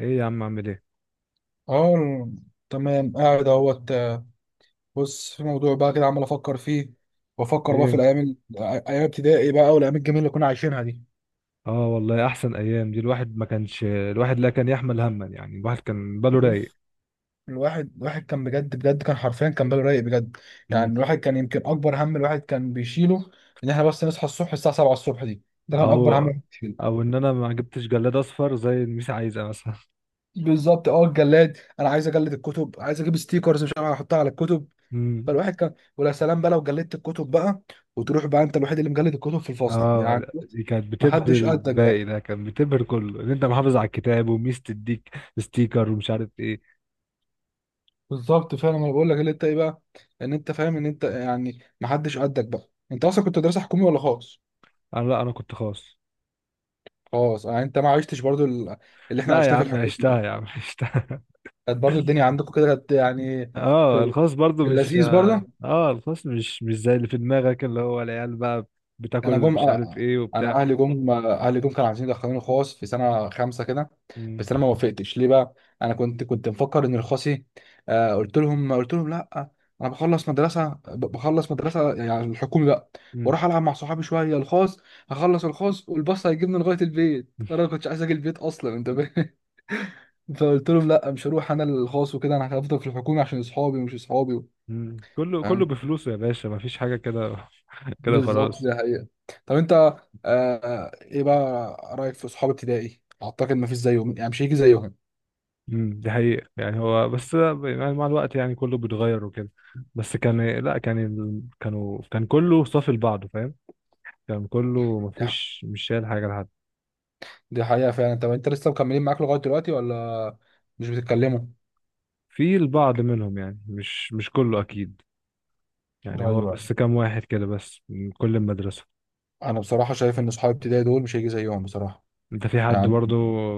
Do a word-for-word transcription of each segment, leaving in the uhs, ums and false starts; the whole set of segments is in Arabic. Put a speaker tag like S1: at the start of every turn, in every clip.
S1: ايه يا عم، اعمل ايه؟
S2: اه. تمام، قاعد اهوت. بص، في موضوع بقى كده عمال افكر فيه، وافكر بقى في
S1: ايه.
S2: الايام ال- ايام ابتدائي بقى، والايام الجميله اللي كنا عايشينها دي.
S1: اه، والله احسن ايام دي. الواحد ما كانش، الواحد لا كان يحمل هما، يعني الواحد كان باله رايق.
S2: بص، الواحد الواحد كان بجد بجد، كان حرفيا كان باله رايق بجد.
S1: مم.
S2: يعني الواحد كان يمكن اكبر هم الواحد كان بيشيله ان احنا بس نصحى الصبح الساعه سبعه الصبح دي. ده كان
S1: او
S2: اكبر هم الواحد بيشيله.
S1: او ان انا ما جبتش جلاد اصفر زي الميس عايزه مثلا.
S2: بالظبط. اه، الجلاد، انا عايز اجلد الكتب، عايز اجيب ستيكرز، مش عارف احطها على الكتب.
S1: مم.
S2: فالواحد كان ولا سلام بقى لو جلدت الكتب بقى، وتروح بقى انت الوحيد اللي مجلد الكتب في الفصل، يعني
S1: اه،
S2: بص،
S1: دي كانت بتبهر
S2: محدش قدك بقى.
S1: الباقي، ده كان بتبهر كله ان انت محافظ على الكتاب وميس تديك ستيكر ومش عارف ايه.
S2: بالظبط فعلا، انا بقول لك اللي انت ايه بقى، ان انت فاهم ان انت يعني محدش قدك بقى. انت اصلا كنت مدرسه حكومي ولا خاص؟
S1: انا، لا، انا كنت خاص.
S2: خاص، يعني انت ما عشتش برضو ال- اللي احنا
S1: لا يا
S2: عشناه في
S1: عم
S2: الحكومه.
S1: عشتها، يا عم عشتها.
S2: كانت برضو الدنيا عندكم كده كانت، يعني
S1: اه،
S2: في
S1: الخاص برضو
S2: في
S1: مش.
S2: اللذيذ برضو.
S1: اه، الخاص مش مش زي اللي في دماغك، اللي هو العيال بقى
S2: انا
S1: بتاكل
S2: جم،
S1: مش عارف
S2: آه،
S1: ايه
S2: انا
S1: وبتاع.
S2: اهلي جم، اهلي جم كانوا عايزين يدخلوني خاص في سنه خمسه كده.
S1: مم.
S2: بس انا ما وافقتش ليه بقى؟ انا كنت كنت مفكر ان الخاصي، آه قلت لهم، قلت لهم لا، انا بخلص مدرسه، ب- بخلص مدرسه يعني الحكومي بقى،
S1: مم.
S2: واروح العب مع صحابي شويه. الخاص هخلص الخاص، والباص هيجيبني لغايه البيت. انا ما كنتش عايز اجي البيت اصلا، انت فاهم؟ فقلت لهم لا، مش هروح انا الخاص، وكده انا هفضل في الحكومي عشان اصحابي ومش اصحابي.
S1: مم. كله كله
S2: فاهم؟
S1: بفلوسه يا باشا، مفيش حاجة كده كده
S2: بالظبط،
S1: خلاص.
S2: دي حقيقة. طب انت، آه ايه بقى رأيك في صحاب ابتدائي؟ اعتقد ما فيش زيهم، يعني مش هيجي زيهم.
S1: مم، دي حقيقة. يعني هو بس يعني مع الوقت يعني كله بيتغير وكده. بس كان، لا كان، ال- كانوا، كان كله صافي لبعضه، فاهم. كان كله
S2: دي ح-
S1: مفيش، مش شايل حاجة لحد.
S2: دي حقيقة فعلا. طب انت لسه مكملين معاك لغاية دلوقتي ولا مش بتتكلموا؟
S1: في البعض منهم يعني مش مش كله أكيد. يعني هو
S2: ايوه.
S1: بس كام واحد كده بس من كل المدرسة.
S2: انا بصراحة شايف ان صحاب ابتدائي دول مش هيجي زيهم بصراحة،
S1: انت في حد
S2: يعني.
S1: برضو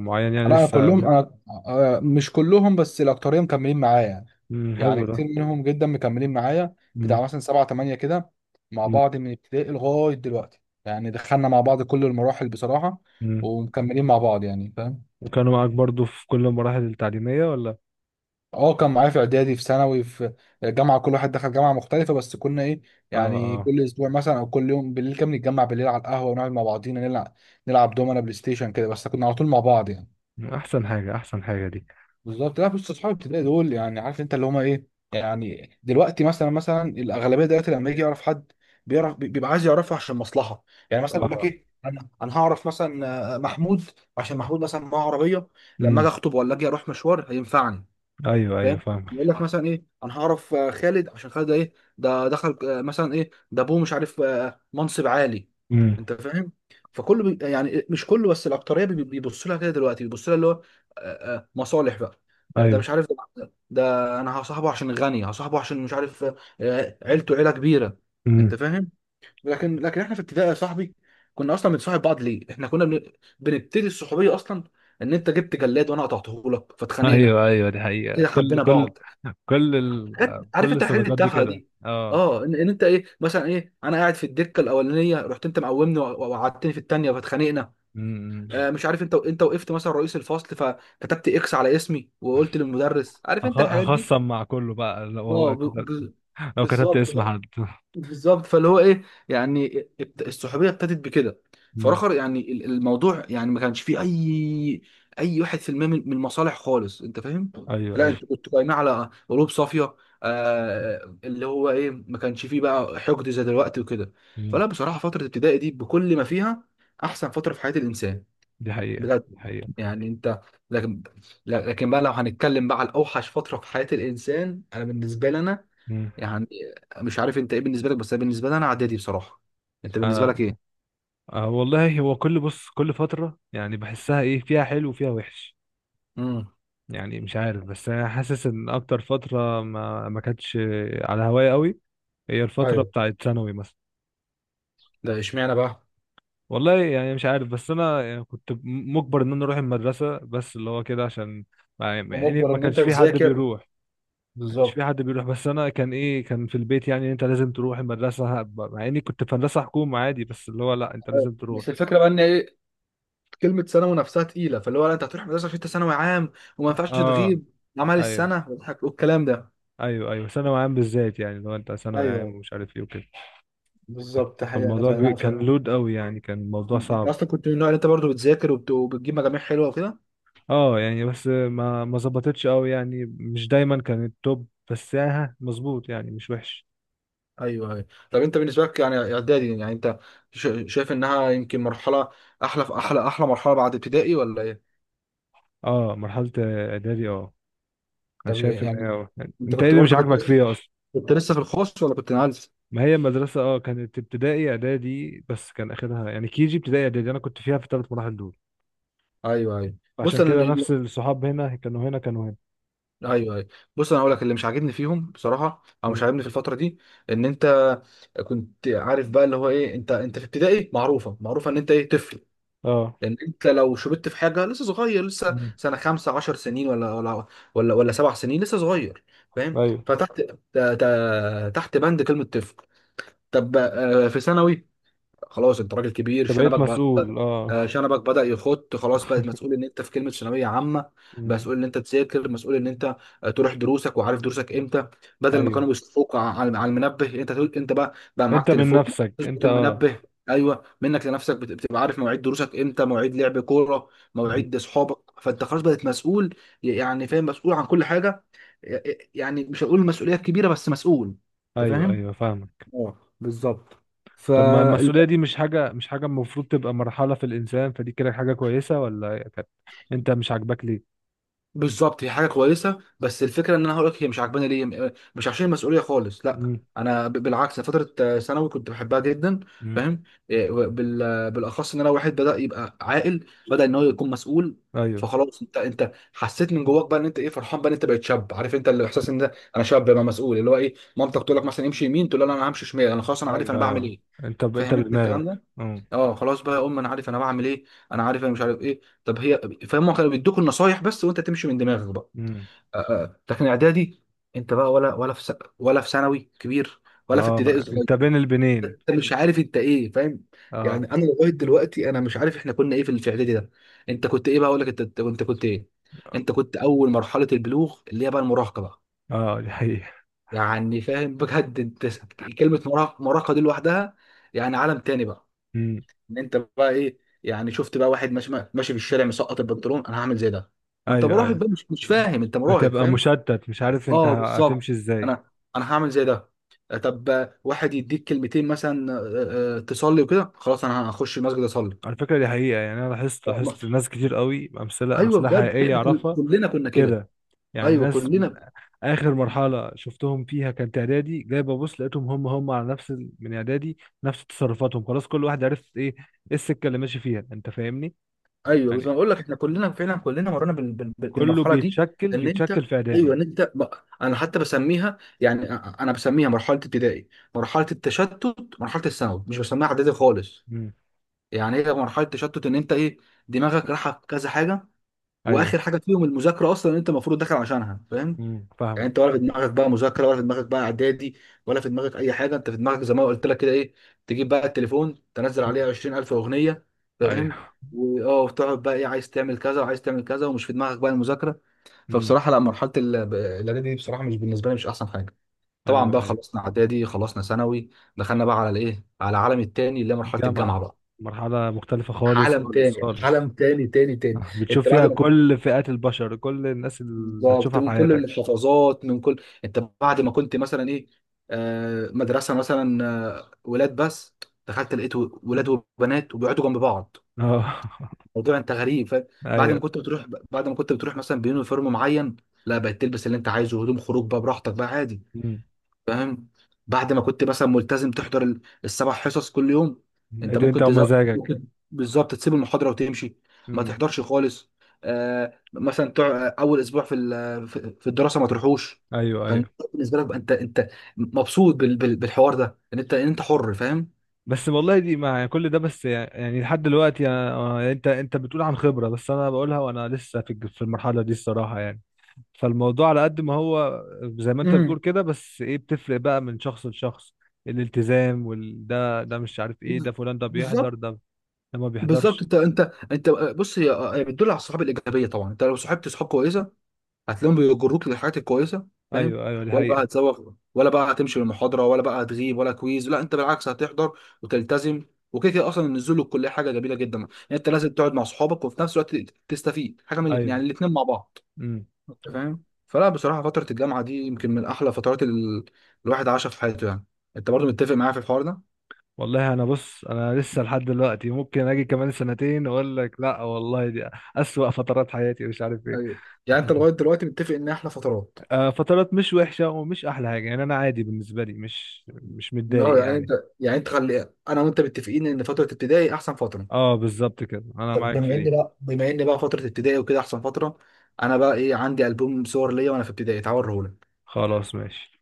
S1: معين يعني
S2: لا، انا
S1: لسه
S2: كلهم،
S1: كده؟
S2: انا آه مش كلهم، بس الأكترية مكملين معايا يعني،
S1: مم،
S2: يعني
S1: حلو ده.
S2: كتير منهم جدا مكملين معايا.
S1: مم،
S2: بتاع مثلا سبعة تمانية كده مع
S1: مم،
S2: بعض من ابتدائي لغاية دلوقتي. يعني دخلنا مع بعض كل المراحل بصراحة،
S1: مم.
S2: ومكملين مع بعض، يعني فاهم؟
S1: وكانوا معاك برضو في كل المراحل التعليمية ولا؟
S2: اه، كان معايا في اعدادي، في ثانوي، في جامعة. كل واحد دخل جامعة مختلفة، بس كنا ايه،
S1: اه،
S2: يعني
S1: اه،
S2: كل اسبوع مثلا او كل يوم بالليل كان نتجمع بالليل على القهوة، ونقعد مع بعضينا نلعب نلعب دومنا، بلاي ستيشن كده، بس كنا على طول مع بعض يعني.
S1: احسن حاجة، احسن حاجة دي.
S2: بالظبط. لا بص، اصحاب الابتدائي دول، يعني عارف انت اللي هما ايه. يعني دلوقتي، مثلا مثلا الاغلبيه دلوقتي لما يجي يعرف حد، بيعرف بي- بيبقى عايز يعرفه عشان مصلحه. يعني مثلا يقول لك
S1: اه،
S2: ايه، انا انا هعرف مثلا آه، محمود، عشان محمود مثلا معاه عربيه، لما اجي
S1: امم،
S2: اخطب ولا اجي اروح مشوار هينفعني.
S1: ايوه، ايوه،
S2: فاهم؟
S1: فاهم.
S2: يقول لك مثلا ايه، انا هعرف آه، خالد، عشان خالد ده ايه، ده دخل، آه، مثلا ايه، ده ابوه مش عارف، آه، منصب عالي.
S1: امم،
S2: انت فاهم؟ فكله بي يعني مش كله، بس الاكتريه بي- بيبص لها كده دلوقتي، بيبص لها اللي هو آه، آه، مصالح بقى، آه، ده
S1: ايوه،
S2: مش عارف، ده, ده انا هصاحبه عشان غني، هصاحبه عشان مش عارف، آه، آه، عيلته عيله كبيره. انت
S1: امم،
S2: فاهم؟ لكن لكن احنا في ابتدائي يا صاحبي كنا اصلا بنصاحب بعض ليه؟ احنا كنا بن- بنبتدي الصحوبيه اصلا ان انت جبت جلاد وانا قطعته لك فاتخانقنا،
S1: ايوه، ايوه، دي حقيقة.
S2: كده
S1: كل
S2: حبينا
S1: كل
S2: بعض.
S1: كل ال...
S2: حاجات عارف
S1: كل
S2: انت الحاجات
S1: الصداقات دي
S2: التافهه
S1: كده،
S2: دي.
S1: اه.
S2: اه، ان, ان انت ايه مثلا، ايه انا قاعد في الدكه الاولانيه، رحت انت مقومني وق- وقعدتني في الثانيه فاتخانقنا. آه
S1: امم.
S2: مش عارف انت انت وقفت مثلا رئيس الفصل، فكتبت اكس على اسمي وقلت للمدرس. عارف
S1: هخ-
S2: انت الحاجات دي؟
S1: هخصم مع كله بقى لو
S2: اه،
S1: هو
S2: ب...
S1: كتبت
S2: ب...
S1: لو كتبت
S2: بالظبط.
S1: اسم حد.
S2: بالظبط، فاللي هو ايه، يعني ابت- الصحوبيه ابتدت بكده.
S1: امم،
S2: فراخر يعني ال- الموضوع، يعني ما كانش فيه اي، اي واحد في المية من من المصالح خالص. انت فاهم؟
S1: ايوه،
S2: لا،
S1: ايوه،
S2: انت كنت قايمه على قلوب صافيه، آه اللي هو ايه، ما كانش فيه بقى حقد زي دلوقتي وكده.
S1: امم،
S2: فلا بصراحه، فتره الابتدائي دي بكل ما فيها احسن فتره في حياه الانسان
S1: دي حقيقة،
S2: بجد.
S1: دي حقيقة،
S2: يعني انت، لكن لكن بقى لو هنتكلم بقى على اوحش فتره في حياه الانسان، انا بالنسبه لنا،
S1: امم.
S2: مش عارف انت ايه بالنسبه لك، بس بالنسبه لي انا اعدادي بصراحه. انت بالنسبه لك ايه؟
S1: آه، والله هو كل، بص، كل فترة يعني بحسها، ايه فيها حلو وفيها وحش.
S2: امم.
S1: يعني مش عارف، بس انا حاسس ان اكتر فترة ما ما كانتش على هواية قوي، هي الفترة
S2: ايوه،
S1: بتاعت ثانوي مثلا.
S2: ده اشمعنى بقى؟
S1: والله يعني مش عارف، بس انا يعني كنت م- مجبر ان انا اروح المدرسة، بس اللي هو كده عشان ما- يعني يعني
S2: ومجبر
S1: ما
S2: ان انت
S1: كانش في حد
S2: تذاكر،
S1: بيروح. ما كانش في
S2: بالظبط.
S1: حد بيروح، بس انا كان ايه، كان في البيت يعني انت لازم تروح المدرسة، مع اني كنت في مدرسة حكومة عادي بس اللي هو لا انت لازم تروح.
S2: بس الفكره بقى ان ايه، كلمه ثانوي نفسها تقيله. فاللي هو لا، انت هتروح مدرسه عشان انت ثانوي عام، وما ينفعش
S1: اه،
S2: تغيب، عمل
S1: ايوه،
S2: السنه واضحك والكلام ده.
S1: ايوه. ايوه ثانوي عام بالذات، يعني لو انت ثانوي عام
S2: ايوه،
S1: ومش عارف ايه وكده.
S2: بالظبط حقيقة
S1: فالموضوع بي...
S2: فعلا. ف...
S1: كان لود قوي، يعني كان الموضوع
S2: انت
S1: صعب.
S2: اصلا كنت من النوع اللي انت برضو بتذاكر وبت- وبتجيب مجاميع حلوه وكده.
S1: اه يعني بس ما ما ظبطتش قوي، يعني مش دايما كان التوب بس يعني ها مظبوط، يعني مش وحش.
S2: ايوه ايوه. طب انت بالنسبه لك يعني اعدادي، يعني انت شا- شايف انها يمكن مرحله، احلى احلى احلى مرحله بعد ابتدائي ولا ايه؟
S1: اه، مرحلة اعدادي، اه. انا
S2: طب
S1: شايف ان هي
S2: يعني
S1: آه. يعني
S2: انت
S1: انت ايه
S2: كنت
S1: اللي مش
S2: برضو، كنت
S1: عاجبك
S2: لسه
S1: فيها اصلا؟
S2: كنت لسه في الخاص ولا كنت نقلت؟
S1: ما هي المدرسة، اه، كانت ابتدائي اعدادي بس كان اخرها، يعني كيجي ابتدائي اعدادي انا كنت فيها في الثلاث مراحل دول.
S2: ايوه ايوه. بص
S1: فعشان
S2: انا،
S1: كده
S2: م-
S1: نفس الصحاب هنا كانوا، هنا كانوا، هنا.
S2: ايوه ايوه بص انا هقول لك اللي مش عاجبني فيهم بصراحه، او مش
S1: مم.
S2: عاجبني في الفتره دي، ان انت كنت عارف بقى اللي هو ايه، انت انت في ابتدائي معروفه معروفه ان انت ايه، طفل.
S1: اه.
S2: ان انت لو شربت في حاجه لسه صغير، لسه
S1: مم.
S2: سنه خمسة عشر سنين، ولا ولا ولا ولا سبع سنين، لسه صغير. فاهم؟
S1: ايوه،
S2: فتحت ت- ت- تحت بند كلمه طفل. طب آه، في ثانوي خلاص انت راجل كبير،
S1: فبقيت
S2: شنبك بقى،
S1: مسؤول،
S2: آه،
S1: اه.
S2: شنبك بدأ يخط، خلاص بقت مسؤول ان انت في كلمة ثانوية عامة،
S1: مم.
S2: مسؤول ان انت تذاكر، مسؤول ان انت آه، تروح دروسك وعارف دروسك امتى. بدل ما
S1: ايوه،
S2: كانوا بيشوفوك ع- على على المنبه، انت تقول، انت بقى بقى معاك
S1: انت من
S2: تليفون
S1: نفسك انت،
S2: تظبط
S1: اه.
S2: المنبه. ايوه، منك لنفسك بت- بتبقى عارف مواعيد دروسك امتى، مواعيد لعب كورة،
S1: مم.
S2: مواعيد اصحابك. فانت خلاص بقيت مسؤول، يعني فاهم؟ مسؤول عن كل حاجة، يعني مش هقول مسؤولية كبيرة بس مسؤول. انت
S1: ايوه،
S2: فاهم؟
S1: ايوه، فاهمك.
S2: اه، بالظبط. ف
S1: طب ما المسؤوليه دي مش حاجه، مش حاجه المفروض تبقى مرحله في الانسان؟ فدي كده حاجه كويسه، ولا كانت انت مش عاجباك ليه؟
S2: بالظبط، هي حاجه كويسه، بس الفكره ان انا هقول لك هي مش عاجباني ليه، م- مش عشان المسؤوليه خالص، لا
S1: مم.
S2: انا ب- بالعكس. أنا فتره آه، ثانوي كنت بحبها جدا.
S1: مم.
S2: فاهم؟ إيه، و- بال- آه، بالاخص ان انا واحد بدا يبقى عاقل، بدا ان هو يكون مسؤول.
S1: ايوه،
S2: فخلاص انت انت حسيت من جواك بقى ان انت ايه، فرحان بقى ان انت بقيت شاب. عارف انت الاحساس ان ده انا شاب بقى مسؤول. اللي هو ايه، مامتك تقول لك مثلا امشي يمين، تقول لها لا انا همشي شمال، انا خلاص انا عارف انا
S1: ايوه،
S2: بعمل
S1: ايوه،
S2: ايه.
S1: انت ب... انت
S2: فاهم انت الكلام
S1: بدماغك.
S2: ده؟
S1: مم.
S2: اه، خلاص بقى يا ام، انا عارف انا بعمل ايه، انا عارف انا مش عارف ايه طب هي. فهم كانوا بيدوك النصايح بس، وانت تمشي من دماغك بقى.
S1: مم،
S2: آه، آه. لكن اعدادي، انت بقى، ولا ولا في س... ولا في ثانوي كبير، ولا في
S1: اه،
S2: ابتدائي صغير،
S1: انت بين البنين،
S2: انت مش عارف انت ايه، فاهم؟
S1: اه،
S2: يعني انا لغايه دلوقتي انا مش عارف احنا كنا ايه في ال- في اعدادي ده. انت كنت ايه بقى؟ اقول لك انت انت كنت كنت ايه، انت كنت اول مرحله البلوغ اللي هي بقى المراهقه بقى.
S1: اه. دي حقيقه.
S2: يعني فاهم بجد؟ انت س- كلمه مراهقه، مراهقه دي لوحدها يعني عالم تاني بقى.
S1: مم.
S2: ان انت بقى ايه، يعني شفت بقى واحد ماشي ماشي في الشارع مسقط البنطلون، انا هعمل زي ده. ما انت
S1: ايوه،
S2: مراهق
S1: ايوه،
S2: بقى، مش مش فاهم، انت مراهق
S1: بتبقى
S2: فاهم.
S1: مشتت مش عارف انت
S2: اه،
S1: هتمشي
S2: بالظبط.
S1: ازاي.
S2: انا انا هعمل زي ده. آه، طب آه، واحد يديك كلمتين مثلا، آه، آه، تصلي وكده، خلاص انا هخش المسجد اصلي.
S1: على فكرة دي حقيقة، يعني أنا لاحظت،
S2: آه، ما-
S1: لاحظت ناس كتير قوي، أمثلة،
S2: ايوه
S1: أمثلة
S2: بجد،
S1: حقيقية
S2: احنا كل-
S1: أعرفها
S2: كلنا كنا كده.
S1: كده. يعني
S2: ايوه،
S1: ناس م-
S2: كلنا.
S1: آخر مرحلة شفتهم فيها كانت إعدادي، جاي ببص لقيتهم هم هم على نفس ال- من إعدادي، نفس تصرفاتهم، خلاص كل واحد عرف إيه، إيه السكة اللي ماشي فيها، أنت فاهمني.
S2: ايوه، بس
S1: يعني
S2: انا بقول لك احنا كلنا فعلا، كلنا مرينا بال- بال- بال-
S1: كله
S2: بالمرحله دي
S1: بيتشكل
S2: ان انت،
S1: بيتشكل في
S2: ايوه
S1: إعدادي.
S2: ان انت بقى، انا حتى بسميها يعني، أ- أ- انا بسميها مرحله ابتدائي، مرحله التشتت، مرحله الثانوي، مش بسميها اعدادي خالص.
S1: امم،
S2: يعني هي مرحله تشتت ان انت ايه، دماغك رايحه في كذا حاجه،
S1: أيوه،
S2: واخر حاجه فيهم المذاكره اصلا ان انت المفروض داخل عشانها، فاهم؟
S1: امم،
S2: يعني انت
S1: فاهمك.
S2: ولا في دماغك بقى مذاكره، ولا في دماغك بقى اعدادي، ولا في دماغك اي حاجه، انت في دماغك زي ما قلت لك كده ايه، تجيب بقى التليفون تنزل
S1: امم،
S2: عليه عشرين الف اغنيه. فاهم؟
S1: أيوه،
S2: واه وتقعد بقى ايه، عايز تعمل كذا وعايز تعمل كذا، ومش في دماغك بقى المذاكره.
S1: امم،
S2: فبصراحه لا، مرحله ال- الاعدادي دي بصراحه، مش بالنسبه لي مش احسن حاجه. طبعا
S1: أيوه،
S2: بقى
S1: أيوه
S2: خلصنا اعدادي، خلصنا ثانوي، دخلنا بقى على الايه، على العالم التاني اللي هي مرحله الجامعه
S1: جامعة،
S2: بقى.
S1: مرحلة مختلفة خالص،
S2: عالم
S1: خالص،
S2: تاني،
S1: خالص.
S2: عالم تاني تاني تاني.
S1: آه، بتشوف
S2: انت بعد
S1: فيها
S2: ما كنت،
S1: كل فئات البشر، كل الناس اللي
S2: بالظبط،
S1: هتشوفها في
S2: من كل
S1: حياتك.
S2: المحافظات، من كل انت بعد ما كنت مثلا ايه، آه، مدرسه مثلا آه، ولاد بس، دخلت لقيت ولاد وبنات وبيقعدوا جنب بعض،
S1: اه.
S2: الموضوع انت غريب، فاهم؟ بعد ما
S1: ايوه.
S2: كنت بتروح بعد ما كنت بتروح مثلا بيونيفورم معين، لا بقت تلبس اللي انت عايزه، هدوم خروج بقى براحتك بقى عادي،
S1: مم.
S2: فاهم؟ بعد ما كنت مثلا ملتزم تحضر ال- السبع حصص كل يوم، انت
S1: إيه، انت
S2: ممكن تزق،
S1: ومزاجك.
S2: ممكن، بالظبط تسيب المحاضره وتمشي، ما
S1: مم.
S2: تحضرش خالص. آه مثلا تع... اول اسبوع في ال- في في الدراسه ما تروحوش.
S1: ايوه،
S2: فانت
S1: ايوه.
S2: بالنسبه لك بقى، انت انت مبسوط بال... بال... بالحوار ده، ان انت ان انت حر فاهم؟
S1: بس والله دي، مع كل ده بس يعني لحد دلوقتي أنا- آه، انت انت بتقول عن خبرة، بس انا بقولها وانا لسه في الج- في المرحلة دي الصراحة يعني. فالموضوع على قد ما هو زي ما انت
S2: امم.
S1: بتقول كده، بس ايه، بتفرق بقى من شخص لشخص، الالتزام وال ده ده مش عارف ايه، ده
S2: بز-
S1: فلان ده بيحضر،
S2: بالظبط،
S1: ده ده ما
S2: بالظبط،
S1: بيحضرش.
S2: انت انت انت، بص، هي هي بتدل على الصحاب الايجابيه. طبعا انت لو صاحبت صحاب كويسه هتلاقيهم بيجروك للحاجات الكويسه، فاهم؟
S1: ايوه، ايوه، دي
S2: ولا بقى
S1: حقيقة.
S2: هتزوغ، ولا بقى هتمشي للمحاضره، ولا بقى هتغيب، ولا كويز، لا انت بالعكس هتحضر وتلتزم. وكده كده اصلا النزول للكليه حاجه جميله جدا. يعني انت لازم تقعد مع اصحابك، وفي نفس الوقت تستفيد حاجه من الاثنين،
S1: ايوه،
S2: يعني الاثنين مع بعض.
S1: امم.
S2: أنت فاهم؟ فلا بصراحه، فتره الجامعه دي يمكن من احلى فترات ال... الواحد عاشها في حياته يعني. انت برضو متفق معايا في الحوار ده؟
S1: والله انا، بص، انا لسه لحد دلوقتي ممكن اجي كمان سنتين اقول لك لا والله دي اسوأ فترات حياتي، مش عارف ايه.
S2: ايوه. يعني انت لغايه دلوقتي متفق ان احلى فترات.
S1: آه، فترات مش وحشة ومش احلى حاجة، يعني انا عادي بالنسبة لي، مش مش متضايق
S2: اه، يعني انت،
S1: يعني.
S2: يعني انت خلي انا وانت متفقين ان فتره ابتدائي احسن فتره.
S1: اه بالظبط كده، انا
S2: طب
S1: معاك في
S2: بما ان
S1: دي.
S2: بقى، بما ان بقى فتره ابتدائي وكده احسن فتره، انا بقى ايه عندي البوم صور ليا وانا في ابتدائي، تعال اوريهولك.
S1: خلاص ماشي.